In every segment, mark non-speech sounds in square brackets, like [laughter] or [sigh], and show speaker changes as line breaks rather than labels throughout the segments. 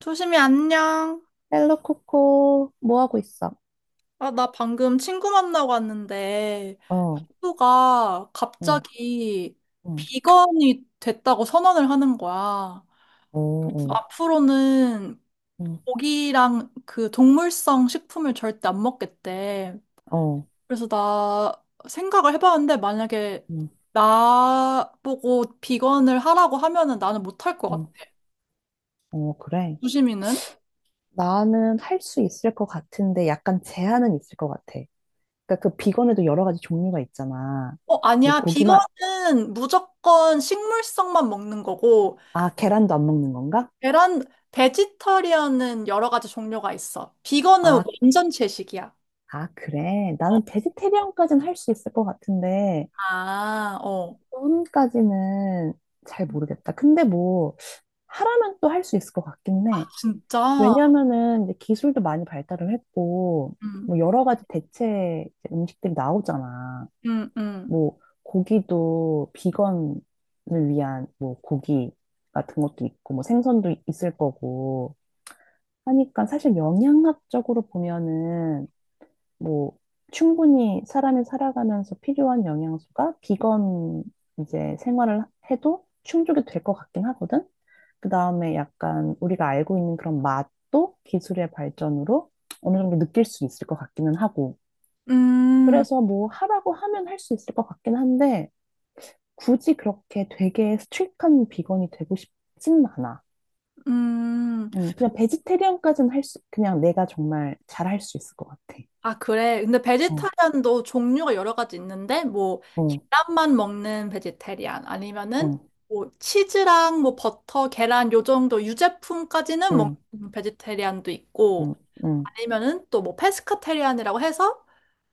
조심히 안녕.
헬로 코코, 뭐 하고 있어?
아, 나 방금 친구 만나고 왔는데,
어,
친구가
응,
갑자기
응,
비건이 됐다고 선언을 하는 거야.
어,
그래서
어,
앞으로는
음.
고기랑 그 동물성 식품을 절대 안 먹겠대.
어,
그래서 나 생각을 해봤는데, 만약에
응,
나보고 비건을 하라고 하면은 나는 못 할 것
응,
같아.
어, 그래. 음.
조심히는.
나는 할 수 있을 것 같은데 약간 제한은 있을 것 같아. 그러니까 그 비건에도 여러 가지 종류가 있잖아.
어,
뭐
아니야.
고기만,
비건은 무조건 식물성만 먹는 거고,
아, 계란도 안 먹는 건가?
계란, 베지터리언은 여러 가지 종류가 있어. 비건은
아,
완전 채식이야.
아, 그래. 나는 베지테리언까지는 할 수 있을 것 같은데
아, 어.
돈까지는 잘 모르겠다. 근데 뭐 하라면 또 할 수 있을 것 같긴 해.
진짜?
왜냐면은 이제 기술도 많이 발달을 했고,
음,
뭐 여러 가지 대체 이제 음식들이 나오잖아.
음, 음.
뭐 고기도 비건을 위한 뭐 고기 같은 것도 있고, 뭐 생선도 있을 거고 하니까 사실 영양학적으로 보면은 뭐 충분히 사람이 살아가면서 필요한 영양소가 비건 이제 생활을 해도 충족이 될 것 같긴 하거든. 그 다음에 약간 우리가 알고 있는 그런 맛도 기술의 발전으로 어느 정도 느낄 수 있을 것 같기는 하고.
음,
그래서 뭐 하라고 하면 할 수 있을 것 같긴 한데 굳이 그렇게 되게 스트릭한 비건이 되고 싶지는 않아.
음.
그냥 베지테리언까지는 할 수, 그냥 내가 정말 잘 할 수 있을 것 같아.
아, 그래. 근데
어,
베지터리안도 종류가 여러 가지 있는데, 뭐,
어,
계란만 먹는 베지테리안, 아니면은,
응,
뭐, 치즈랑 뭐, 버터, 계란, 요 정도 유제품까지는
응,
먹는 베지테리안도 있고,
응, 응.
아니면은 또 뭐, 페스카테리안이라고 해서,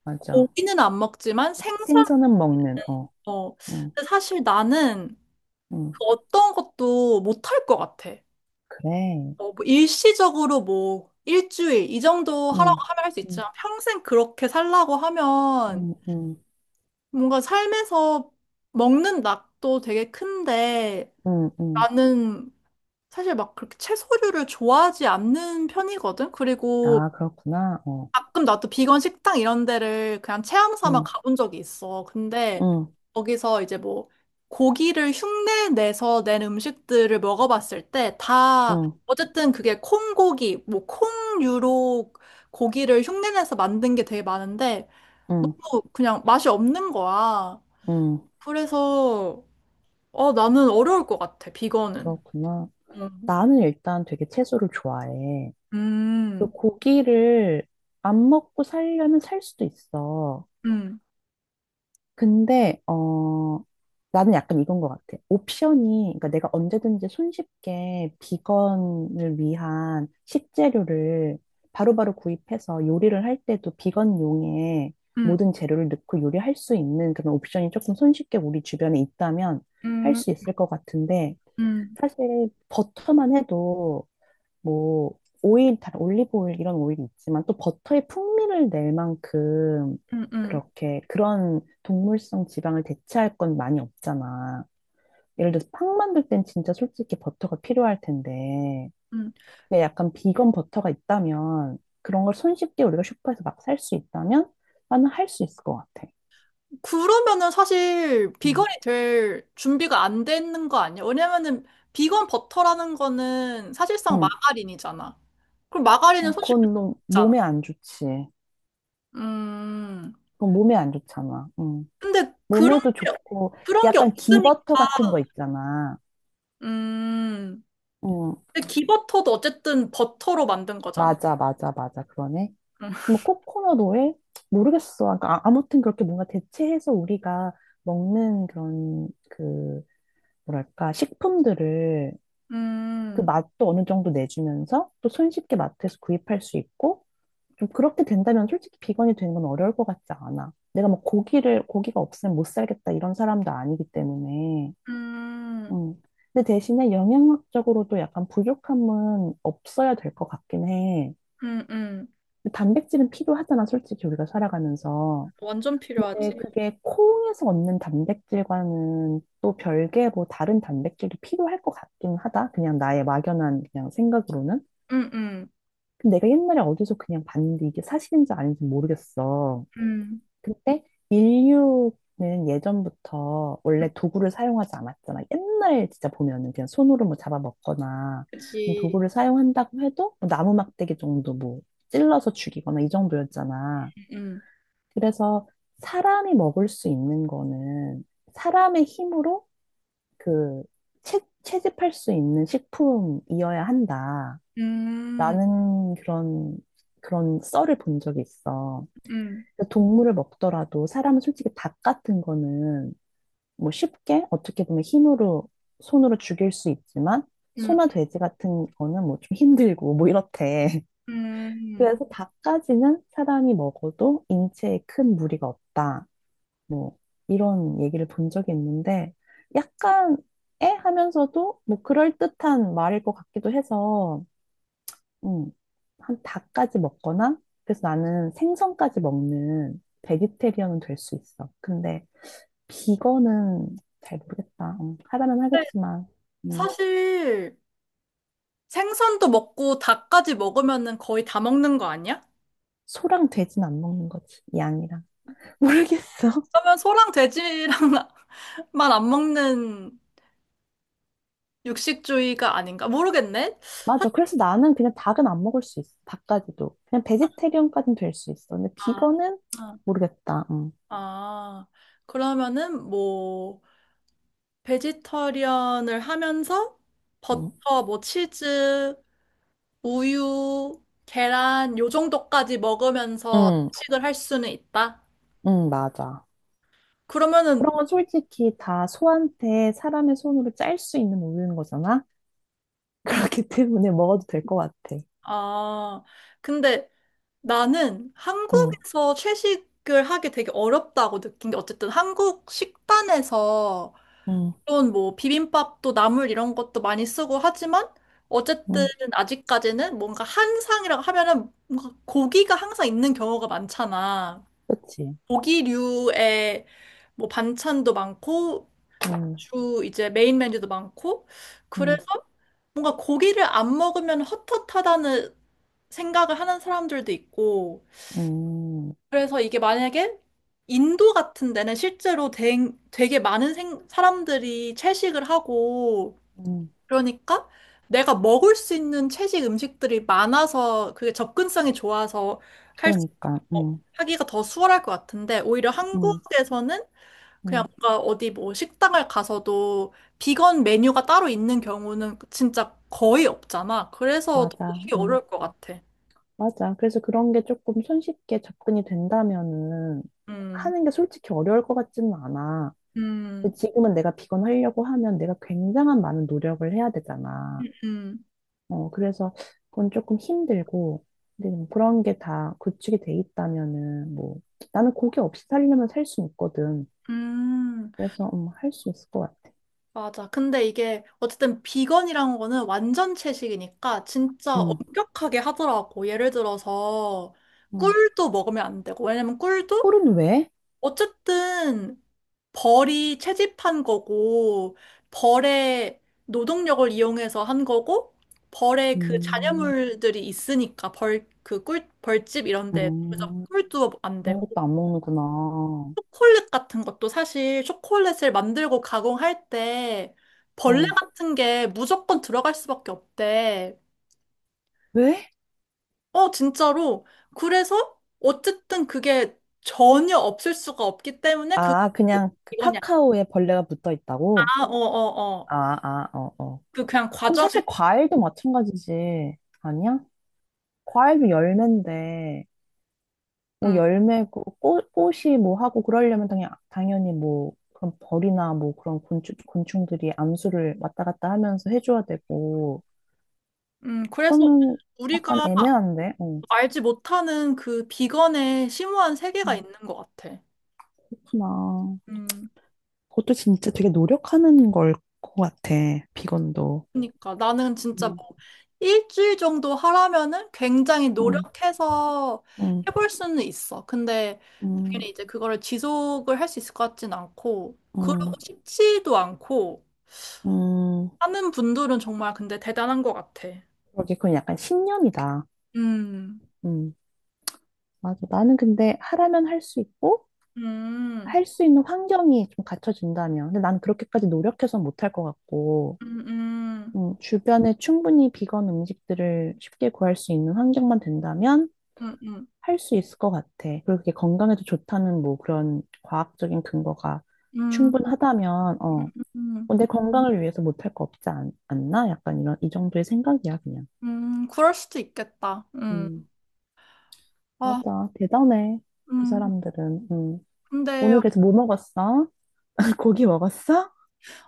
맞아.
고기는 안 먹지만 생선,
생선은 먹는, 어,
어,
응,
근데 사실 나는
응,
그 어떤 것도 못할 것 같아.
그래.
어, 뭐 일시적으로 뭐 일주일 이 정도 하라고
응,
하면 할 수
응
있지만 평생 그렇게 살라고 하면
응, 응,
뭔가 삶에서 먹는 낙도 되게 큰데
응, 응.
나는 사실 막 그렇게 채소류를 좋아하지 않는 편이거든. 그리고
아, 그렇구나. 어,
가끔 나도 비건 식당 이런 데를 그냥 체험 삼아
응,
가본 적이 있어. 근데
응,
거기서 이제 뭐 고기를 흉내 내서 낸 음식들을 먹어봤을 때 다
응,
어쨌든 그게 콩고기, 뭐 콩류로 고기를 흉내 내서 만든 게 되게 많은데
응,
뭐 그냥 맛이 없는 거야.
응.
그래서 어 나는 어려울 것 같아 비건은.
그렇구나.
음,
나는 일단 되게 채소를 좋아해. 그
음,
고기를 안 먹고 살려면 살 수도 있어.
음,
근데 나는 약간 이건 것 같아. 옵션이 그러니까 내가 언제든지 손쉽게 비건을 위한 식재료를 바로바로 구입해서 요리를 할 때도 비건용의
음,
모든 재료를 넣고 요리할 수 있는 그런 옵션이 조금 손쉽게 우리 주변에 있다면 할
음,
수 있을 것 같은데
음,
사실 버터만 해도 뭐 오일, 다 올리브 오일 이런 오일이 있지만 또 버터의 풍미를 낼 만큼
음, 음.
그렇게 그런 동물성 지방을 대체할 건 많이 없잖아. 예를 들어서 팡 만들 땐 진짜 솔직히 버터가 필요할 텐데
음.
근데 약간 비건 버터가 있다면 그런 걸 손쉽게 우리가 슈퍼에서 막 살 수 있다면 나는 할 수 있을 것 같아.
그러면은 사실
응.
비건이 될 준비가 안 되는 거 아니야? 왜냐면은 비건 버터라는 거는 사실상
응.
마가린이잖아. 그럼
어,
마가린은 손실게
그건 너무
잖아.
몸에 안 좋지.
음.
그건 몸에 안 좋잖아. 응.
근데 그런
몸에도
게
좋고
그런 게
약간
없으니까.
기버터 같은 거 있잖아.
음.
응.
근데 기버터도 어쨌든 버터로 만든 거잖아.
맞아, 맞아, 맞아. 그러네. 뭐
[laughs]
코코넛 오일? 모르겠어. 그러니까 아무튼 그렇게 뭔가 대체해서 우리가 먹는 그런 그 뭐랄까 식품들을 그
음.
맛도 어느 정도 내주면서 또 손쉽게 마트에서 구입할 수 있고 좀 그렇게 된다면 솔직히 비건이 되는 건 어려울 것 같지 않아. 내가 뭐 고기를 고기가 없으면 못 살겠다 이런 사람도 아니기 때문에.
음.
음. 근데 대신에 영양학적으로도 약간 부족함은 없어야 될 것 같긴 해.
음. 음. 음.
단백질은 필요하잖아, 솔직히 우리가 살아가면서.
완전
근데
필요하지.
그게 콩에서 얻는 단백질과는 또 별개로 다른 단백질이 필요할 것 같긴 하다. 그냥 나의 막연한 그냥 생각으로는.
음. 음.
근데 내가 옛날에 어디서 그냥 봤는데 이게 사실인지 아닌지 모르겠어.
음.
근데 인류는 예전부터 원래 도구를 사용하지 않았잖아. 옛날 진짜 보면은 그냥 손으로 뭐 잡아먹거나
그치.
도구를 사용한다고 해도 뭐 나무 막대기 정도 뭐 찔러서 죽이거나 이 정도였잖아.
음.
그래서 사람이 먹을 수 있는 거는 사람의 힘으로 그 채집할 수 있는 식품이어야 한다라는
음.
그런 그런 썰을 본 적이 있어.
음.
그래서 동물을 먹더라도 사람은 솔직히 닭 같은 거는 뭐 쉽게 어떻게 보면 힘으로 손으로 죽일 수 있지만
음.
소나 돼지 같은 거는 뭐 좀 힘들고 뭐 이렇대. [laughs]
음.
그래서 닭까지는 사람이 먹어도 인체에 큰 무리가 없다. 뭐 이런 얘기를 본 적이 있는데 약간 애 하면서도 뭐 그럴듯한 말일 것 같기도 해서 음, 한 닭까지 먹거나 그래서 나는 생선까지 먹는 베지테리언은 될 수 있어. 근데 비건은 잘 모르겠다. 하라면 하겠지만 음,
사실 생선도 먹고 닭까지 먹으면은 거의 다 먹는 거 아니야?
소랑 돼지는 안 먹는 거지. 양이랑. [laughs] 모르겠어.
그러면 소랑 돼지랑만 [laughs] 안 먹는 육식주의가 아닌가? 모르겠네.
맞아. 그래서 나는 그냥 닭은 안 먹을 수 있어. 닭까지도. 그냥 베지테리언까지는 될 수 있어. 근데
아,
비건은
응.
모르겠다. 음.
아, 아. 그러면은 뭐 베지터리언을 하면서
응,
버터, 뭐 치즈, 우유, 계란 요 정도까지 먹으면서
응,
식을 할 수는 있다.
응, 맞아.
그러면은,
그런 건 솔직히 다 소한테 사람의 손으로 짤 수 있는 우유인 거잖아? [laughs] 그렇기 때문에 먹어도 될 것 같아.
아, 근데 나는
응,
한국에서 채식을 하기 되게 어렵다고 느낀 게 어쨌든 한국 식단에서
응,
물론 뭐 비빔밥도 나물 이런 것도 많이 쓰고 하지만 어쨌든
응,
아직까지는 뭔가 한상이라고 하면은 뭔가 고기가 항상 있는 경우가 많잖아.
그치.
고기류의 뭐 반찬도 많고
응,
주 이제 메인 메뉴도 많고
응,
그래서 뭔가 고기를 안 먹으면 헛헛하다는 생각을 하는 사람들도 있고
응,
그래서 이게 만약에 인도 같은 데는 실제로 되게 많은 사람들이 채식을 하고
응.
그러니까 내가 먹을 수 있는 채식 음식들이 많아서 그게 접근성이 좋아서 할 수,
그러니까,
어,
응,
하기가 더 수월할 것 같은데 오히려
응,
한국에서는 그냥
응,
뭔가 어디 뭐 식당을 가서도 비건 메뉴가 따로 있는 경우는 진짜 거의 없잖아. 그래서
맞아,
되게
응,
어려울 것 같아.
맞아. 그래서 그런 게 조금 손쉽게 접근이 된다면은
음,
하는 게 솔직히 어려울 것 같지는 않아.
음,
근데 지금은 내가 비건 하려고 하면 내가 굉장한 많은 노력을 해야 되잖아.
음,
어, 그래서 그건 조금 힘들고, 근데 좀 그런 게 다 구축이 돼 있다면은, 뭐, 나는 고기 없이 살려면 살 수 있거든.
음.
그래서, 할 수 있을 것 같아.
맞아. 근데 이게 어쨌든 비건이란 거는 완전 채식이니까 진짜
응,
엄격하게 하더라고. 예를 들어서
응.
꿀도 먹으면 안 되고. 왜냐면 꿀도
꿀은 왜?
어쨌든 벌이 채집한 거고 벌의 노동력을 이용해서 한 거고 벌의 그
음,
잔여물들이 있으니까 벌 그 꿀 벌집 이런 데 그래서
음,
꿀도 안
그런
되고.
것도 안 먹는구나.
초콜릿 같은 것도 사실 초콜릿을 만들고 가공할 때 벌레
어,
같은 게 무조건 들어갈 수밖에 없대.
왜?
어, 진짜로. 그래서 어쨌든 그게 전혀 없을 수가 없기 때문에 그게
아, 그냥 그
이거냐.
카카오에 벌레가 붙어 있다고?
아, 어, 어, 어.
아, 아, 어, 어.
그냥
그럼
과정을,
사실 과일도 마찬가지지. 아니야? 과일도 열매인데, 뭐
음,
열매, 그 꽃, 꽃이 뭐 하고 그러려면 당연히 뭐 그런 벌이나 뭐 그런 곤충들이 암수를 왔다 갔다 하면서 해줘야 되고
그래서
그러면
우리가
약간 애매한데? 어.
알지 못하는 그 비건의 심오한 세계가
음,
있는 것 같아.
그렇구나.
음.
그것도 진짜 되게 노력하는 걸 것 같아, 비건도.
그러니까 나는 진짜
음.
뭐 일주일 정도 하라면은 굉장히
음,
노력해서
음,
해볼 수는 있어. 근데
음,
당연히 이제 그거를 지속을 할 수 있을 것 같진 않고 그러고
음,
싶지도 않고
음.
하는 분들은 정말 근데 대단한 것 같아.
그러게 그건 약간 신념이다.
음,
음, 맞아. 나는 근데 하라면 할 수 있고
음,
할 수 있는 환경이 좀 갖춰진다면. 근데 난 그렇게까지 노력해서 못할 것 같고,
음, 음,
주변에 충분히 비건 음식들을 쉽게 구할 수 있는 환경만 된다면
음, 음,
할 수 있을 것 같아. 그리고 그게 건강에도 좋다는 뭐 그런 과학적인 근거가
음,
충분하다면,
음,
어,
음,
어, 내 건강을 위해서 못할 거 없지 않, 나 약간 이런, 이 정도의 생각이야, 그냥.
그럴 수도 있겠다.
음,
아,
맞아. 대단해. 그
음,
사람들은. 음.
근데
오늘 그래서 뭐 먹었어? [laughs] 고기 먹었어?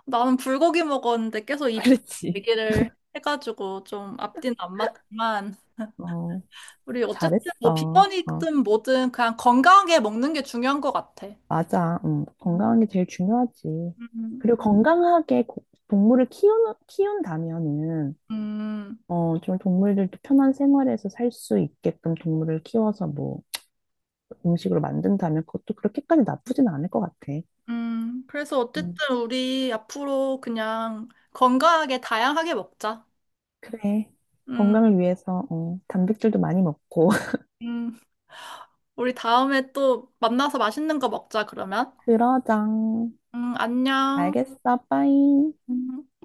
나는 불고기 먹었는데 계속
[laughs]
이 비건
그렇지.
얘기를 해가지고 좀 앞뒤는 안 맞지만
어.
우리 어쨌든 뭐
잘했어. 어,
비건이든 뭐든 그냥 건강하게 먹는 게 중요한 것 같아.
맞아.
음,
건강한 게 제일 중요하지.
음,
그리고 건강하게 동물을 키운다면은,
음,
어, 좀 동물들도 편한 생활에서 살 수 있게끔 동물을 키워서 뭐 음식으로 만든다면 그것도 그렇게까지 나쁘진 않을 것 같아.
그래서
음,
어쨌든 우리 앞으로 그냥 건강하게 다양하게 먹자.
그래.
음,
건강을 위해서, 어, 단백질도 많이 먹고. [laughs]
음. 우리 다음에 또 만나서 맛있는 거 먹자, 그러면.
그러자.
안녕.
알겠어. 빠이.
음.